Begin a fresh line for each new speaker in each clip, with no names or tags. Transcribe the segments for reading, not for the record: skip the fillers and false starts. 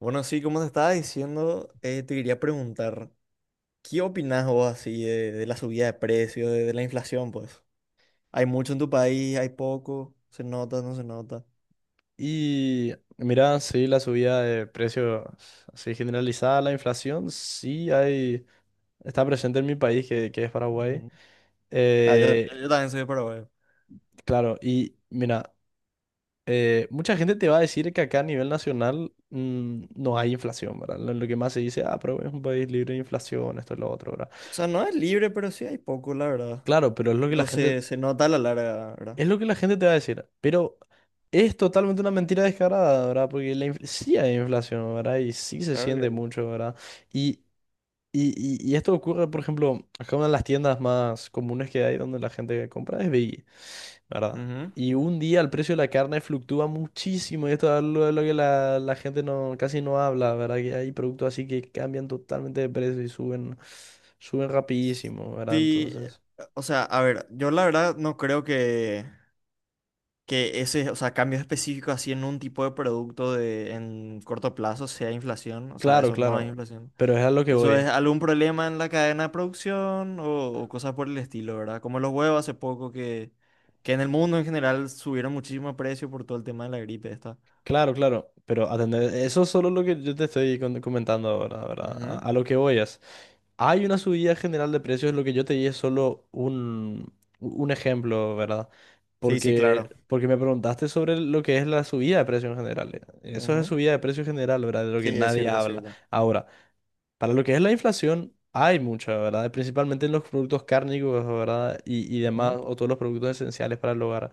Bueno, sí, como te estaba diciendo, te quería preguntar, ¿qué opinás vos así de la subida de precios, de la inflación, pues? ¿Hay mucho en tu país? ¿Hay poco? ¿Se nota? ¿No se nota?
Y mira, sí, la subida de precios así generalizada, la inflación, sí hay, está presente en mi país, que es Paraguay.
Ujú. Ah, yo, yo,
Eh,
yo también soy de Paraguay.
claro, y mira, mucha gente te va a decir que acá a nivel nacional no hay inflación, ¿verdad? Lo que más se dice, ah, pero es un país libre de inflación, esto es lo otro, ¿verdad?
O sea, no es libre, pero sí hay poco, la verdad.
Claro, pero es lo que la
Pero
gente
se nota a la larga, ¿verdad?
Es lo que la gente te va a decir, pero es totalmente una mentira descarada, ¿verdad? Porque sí hay inflación, ¿verdad? Y sí se
Claro que
siente
sí.
mucho, ¿verdad? Y, y esto ocurre, por ejemplo, acá una de las tiendas más comunes que hay donde la gente compra es Veggie, ¿verdad?
Ujú.
Y un día el precio de la carne fluctúa muchísimo y esto es algo de lo que la gente no, casi no habla, ¿verdad? Que hay productos así que cambian totalmente de precio y suben, suben rapidísimo, ¿verdad?
Sí,
Entonces,
o sea, a ver, yo la verdad no creo que ese, o sea, cambios específicos así en un tipo de producto en corto plazo sea inflación, o sea,
claro,
eso no es
claro,
inflación.
pero es a lo que
Eso
voy.
es algún problema en la cadena de producción o cosas por el estilo, ¿verdad? Como los huevos hace poco que en el mundo en general subieron muchísimo precio por todo el tema de la gripe esta.
Claro, claro, pero atender, eso es solo lo que yo te estoy comentando ahora, ¿verdad? A,
Ujú.
a lo que voy es, hay una subida general de precios, lo que yo te di es solo un ejemplo, ¿verdad?
Sí, sí,
Porque,
claro.
porque me preguntaste sobre lo que es la subida de precios en general. Eso es la
Ujú.
subida de precios general, ¿verdad? De lo
Sí,
que
es
nadie
cierto, es
habla.
cierto.
Ahora, para lo que es la inflación, hay mucha, ¿verdad? Principalmente en los productos cárnicos, ¿verdad? Y demás,
Ujú.
o todos los productos esenciales para el hogar.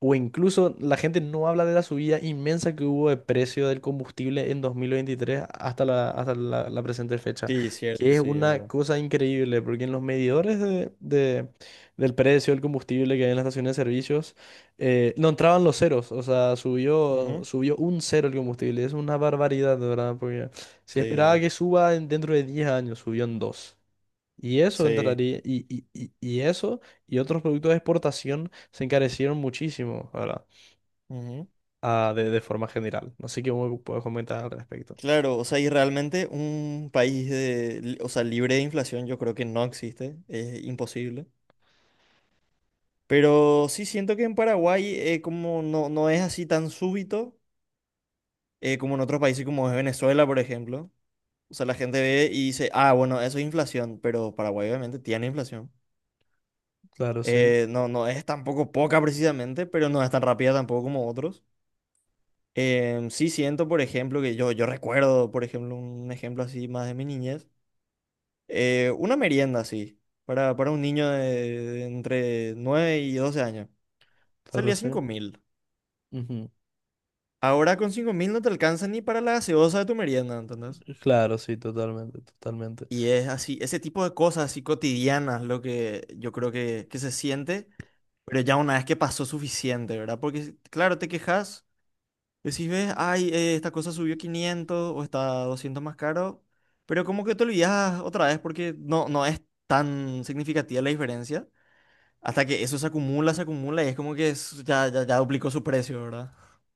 O incluso la gente no habla de la subida inmensa que hubo de precio del combustible en 2023 la presente fecha,
Sí, es cierto,
que es
sí, es
una
verdad.
cosa increíble, porque en los medidores del precio del combustible que hay en las estaciones de servicios, no entraban los ceros, o sea, subió,
Ujú.
subió un cero el combustible, es una barbaridad, de verdad, porque se
Sí,
esperaba
sí.
que suba dentro de 10 años, subió en dos. Y eso
Sí.
entraría, y eso y otros productos de exportación se encarecieron muchísimo, ¿verdad?
Ujú.
Ah, de forma general. No sé qué me puedes comentar al respecto.
Claro, o sea, y realmente un país o sea, libre de inflación yo creo que no existe, es imposible. Pero sí siento que en Paraguay como no es así tan súbito como en otros países como es Venezuela, por ejemplo. O sea, la gente ve y dice, ah, bueno, eso es inflación, pero Paraguay obviamente tiene inflación.
Claro, sí,
No es tampoco poca precisamente, pero no es tan rápida tampoco como otros. Sí siento, por ejemplo, que yo recuerdo, por ejemplo, un ejemplo así más de mi niñez. Una merienda así, para un niño de entre 9 y 12 años.
claro,
Salía
sí.
5.000.
Ujú.
Ahora con 5.000 no te alcanza ni para la gaseosa de tu merienda, ¿entendés?
Claro, sí, totalmente, totalmente.
Y es así, ese tipo de cosas así cotidianas lo que yo creo que se siente, pero ya una vez que pasó suficiente, ¿verdad? Porque si, claro, te quejas, decís, ves, ay, esta cosa subió 500 o está 200 más caro, pero como que te olvidas otra vez porque no es tan significativa la diferencia. Hasta que eso se acumula y es como que ya duplicó su precio, ¿verdad?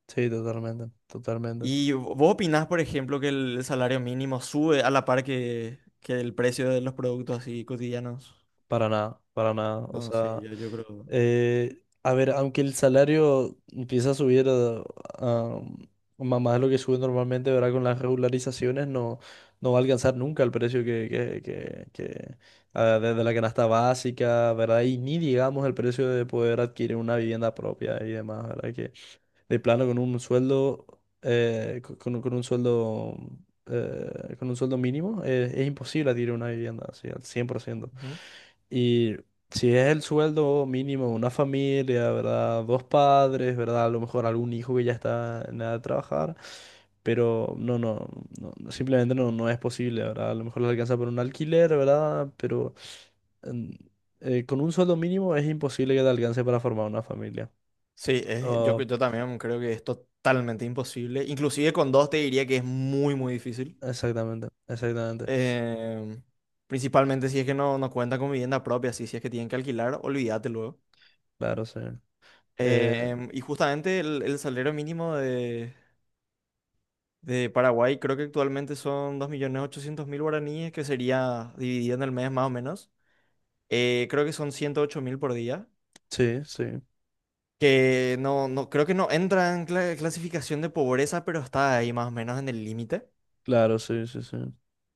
Sí, totalmente, totalmente.
¿Y vos opinás, por ejemplo, que el salario mínimo sube a la par que el precio de los productos así cotidianos?
Para nada, para nada. O
No, sí,
sea.
yo creo.
A ver, aunque el salario empieza a subir a- a más de lo que sube normalmente, ¿verdad? Con las regularizaciones no, no va a alcanzar nunca el precio que, ah, desde la canasta básica, ¿verdad? Y ni digamos el precio de poder adquirir una vivienda propia y demás, ¿verdad? Que de plano con un sueldo, con un sueldo, con un sueldo mínimo, es imposible adquirir una vivienda, así, al 100%.
Ujú.
Y si es el sueldo mínimo de una familia, ¿verdad? Dos padres, ¿verdad? A lo mejor algún hijo que ya está en edad de trabajar, pero no, no, no, no, simplemente no, no es posible, ¿verdad? A lo mejor le alcanza por un alquiler, ¿verdad? Pero mm, con un sueldo mínimo es imposible que te alcance para formar una familia.
Sí, yo también creo que es totalmente imposible. Inclusive con dos te diría que es muy, muy difícil.
Exactamente, exactamente.
Em, principalmente si es que no cuenta con vivienda propia, si es que tienen que alquilar, olvídate luego.
Claro, sí. Eh,
Y justamente el salario mínimo de De Paraguay creo que actualmente son 2.800.000 guaraníes, que sería dividido en el mes más o menos. Creo que son 108.000 por día,
sí, sí.
que creo que no entra en clasificación de pobreza, pero está ahí más o menos en el límite.
Claro, sí, sí, sí.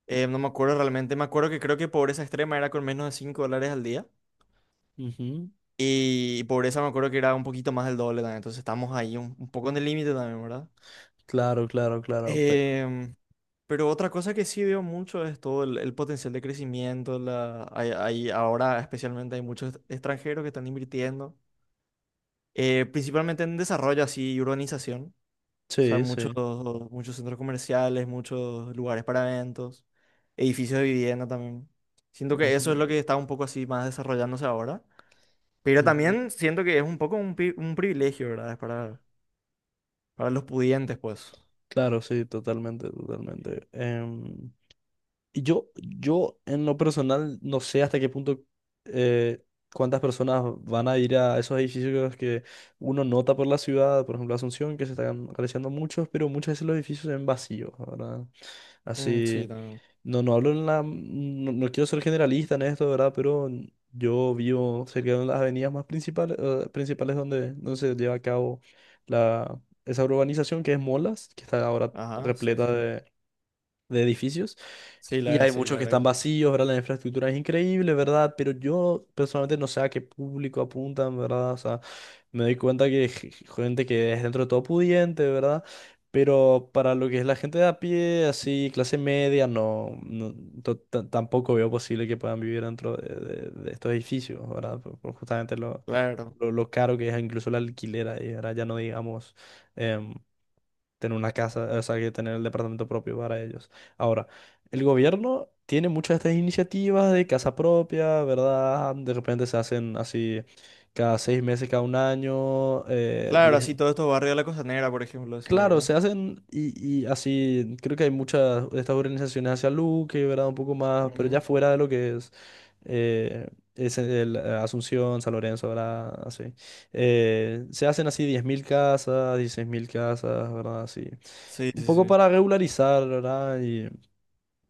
No me acuerdo realmente, me acuerdo que creo que pobreza extrema era con menos de 5 dólares al día.
Ujú.
Y pobreza me acuerdo que era un poquito más del doble también, entonces estamos ahí un poco en el límite también, ¿verdad?
Claro, claro, claro.
Em, Pero otra cosa que sí veo mucho es todo el potencial de crecimiento. Ahora especialmente hay muchos extranjeros que están invirtiendo, principalmente en desarrollo así y urbanización. O sea,
Sí,
muchos,
sí.
muchos centros comerciales, muchos lugares para eventos, edificios de vivienda también. Siento que
Ujú,
eso es lo que está un poco así más desarrollándose ahora. Pero
ujú.
también siento que es un poco un privilegio, ¿verdad? Es para, los pudientes, pues.
Claro, sí, totalmente, totalmente. Y yo en lo personal no sé hasta qué punto eh, cuántas personas van a ir a esos edificios que uno nota por la ciudad, por ejemplo Asunción, que se están realizando muchos, pero muchas veces los edificios se ven vacíos, ¿verdad?
Mm,
Así.
sí, también.
No, no hablo en la. No, no quiero ser generalista en esto, ¿verdad? Pero yo vivo cerca de las avenidas más principales, principales donde se lleva a cabo esa urbanización que es Molas, que está ahora
Ajá, sí, sí, sí.
repleta de edificios.
Sí,
Y hay
sí,
muchos
la
que
verdad que
están
sí.
vacíos, ¿verdad? La infraestructura es increíble, ¿verdad? Pero yo personalmente no sé a qué público apuntan, ¿verdad? O sea, me doy cuenta que gente que es dentro de todo pudiente, ¿verdad? Pero para lo que es la gente de a pie, así, clase media, tampoco veo posible que puedan vivir dentro de estos edificios, ¿verdad? Por justamente lo,
Claro.
lo, lo caro que es incluso el alquiler ahí, ¿verdad? Ya no digamos em, tener una casa, o sea, que tener el departamento propio para ellos. Ahora, el gobierno tiene muchas de estas iniciativas de casa propia, ¿verdad? De repente se hacen así cada 6 meses, cada un año,
Claro,
diez,
así todos estos barrios de la Costanera, por ejemplo, así,
claro,
¿verdad?
se hacen y así, creo que hay muchas de estas organizaciones de salud que, ¿verdad? Un poco más, pero ya
Ujú.
fuera de lo que eh, es Asunción, San Lorenzo, ¿verdad? Así. Se hacen así 10.000 casas, 16.000 casas, ¿verdad? Así.
Sí,
Un
sí,
poco
sí.
para regularizar, ¿verdad?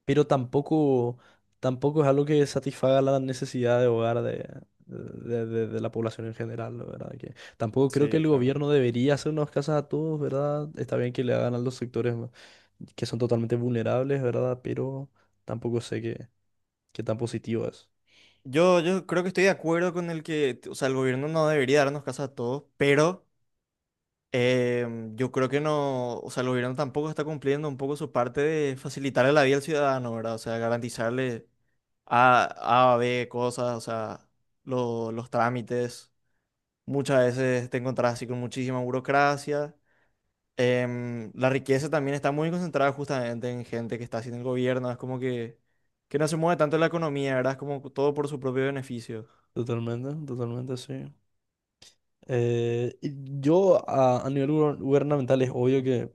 Pero tampoco, tampoco es algo que satisfaga la necesidad de hogar de la población en general, ¿no? ¿Verdad? Que tampoco creo que
Sí,
el
claro.
gobierno debería hacernos casas a todos, ¿verdad? Está bien que le hagan a los sectores que son totalmente vulnerables, ¿verdad? Pero tampoco sé qué tan positivo es.
Yo creo que estoy de acuerdo con el que, o sea, el gobierno no debería darnos casa a todos, pero yo creo que no, o sea, el gobierno tampoco está cumpliendo un poco su parte de facilitarle la vida al ciudadano, ¿verdad? O sea, garantizarle A, B, cosas, o sea, los trámites. Muchas veces te encontrás así con muchísima burocracia. La riqueza también está muy concentrada justamente en gente que está haciendo el gobierno. Es como que no se mueve tanto la economía, ¿verdad? Es como todo por su propio beneficio.
Totalmente, totalmente, sí. Y yo a nivel gubernamental es obvio que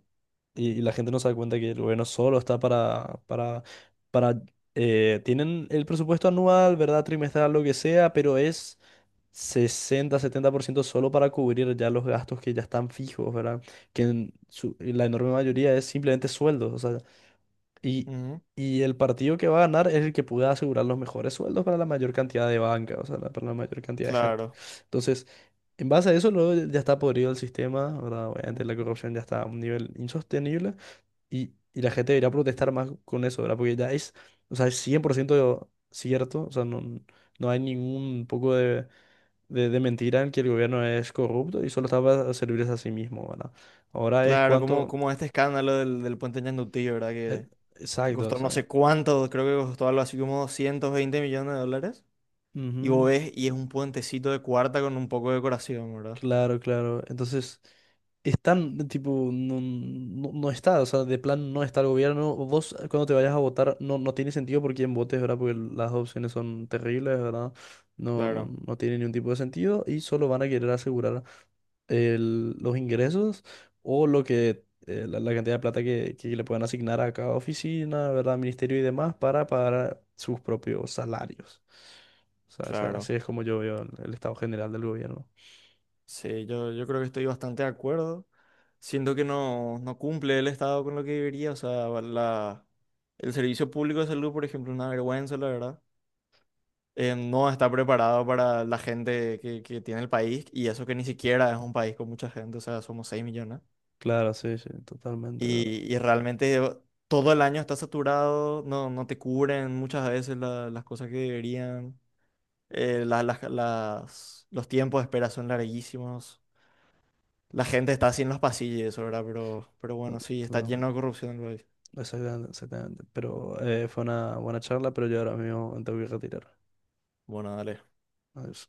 Y la gente no se da cuenta que el gobierno solo está para, tienen el presupuesto anual, ¿verdad? Trimestral, lo que sea, pero es 60-70% solo para cubrir ya los gastos que ya están fijos, ¿verdad? Que la enorme mayoría es simplemente sueldos, o sea, y,
Ujú,
y el partido que va a ganar es el que pueda asegurar los mejores sueldos para la mayor cantidad de banca, o sea, para la mayor cantidad de gente.
claro.
Entonces, en base a eso, luego ya está podrido el sistema, ¿verdad? Obviamente la
Mm.
corrupción ya está a un nivel insostenible. Y la gente debería protestar más con eso, ¿verdad? Porque ya es, o sea, es 100% cierto, o sea, no, no hay ningún poco de mentira en que el gobierno es corrupto y solo está para servirse a sí mismo, ¿verdad? Ahora es
Claro, como,
cuánto.
como este escándalo del puente Ñandutí, ¿verdad?
eh,
Que
Exacto, o
costó no
sea.
sé cuánto, creo que costó algo así como 220 millones de dólares. Y vos
Ujú.
ves, y es un puentecito de cuarta con un poco de decoración, ¿verdad?
Claro, claro. Entonces, están, tipo, no, no, no está, o sea, de plan no está el gobierno. Vos cuando te vayas a votar, no, no tiene sentido por quién votes, ¿verdad? Porque las opciones son terribles, ¿verdad? No, no,
Claro,
no tiene ningún tipo de sentido y solo van a querer asegurar los ingresos o lo que la cantidad de plata que le puedan asignar a cada oficina, ¿verdad? Ministerio y demás para pagar sus propios salarios. O sea, así
claro.
es como yo veo el estado general del gobierno.
Sí, yo creo que estoy bastante de acuerdo. Siento que no cumple el Estado con lo que debería. O sea, el servicio público de salud, por ejemplo, es una vergüenza, la verdad. No está preparado para la gente que tiene el país y eso que ni siquiera es un país con mucha gente, o sea, somos 6 millones.
Claro, sí, sí, totalmente, bro.
Y realmente todo el año está saturado, no te cubren muchas veces las cosas que deberían. Los tiempos de espera son larguísimos. La gente está así en los pasillos, y eso, ¿verdad? Pero bueno, sí, está
Totalmente.
lleno de corrupción el país.
Exactamente, exactamente. Pero fue una buena charla, pero yo ahora mismo me tengo que retirar.
Bueno, dale.
Adiós.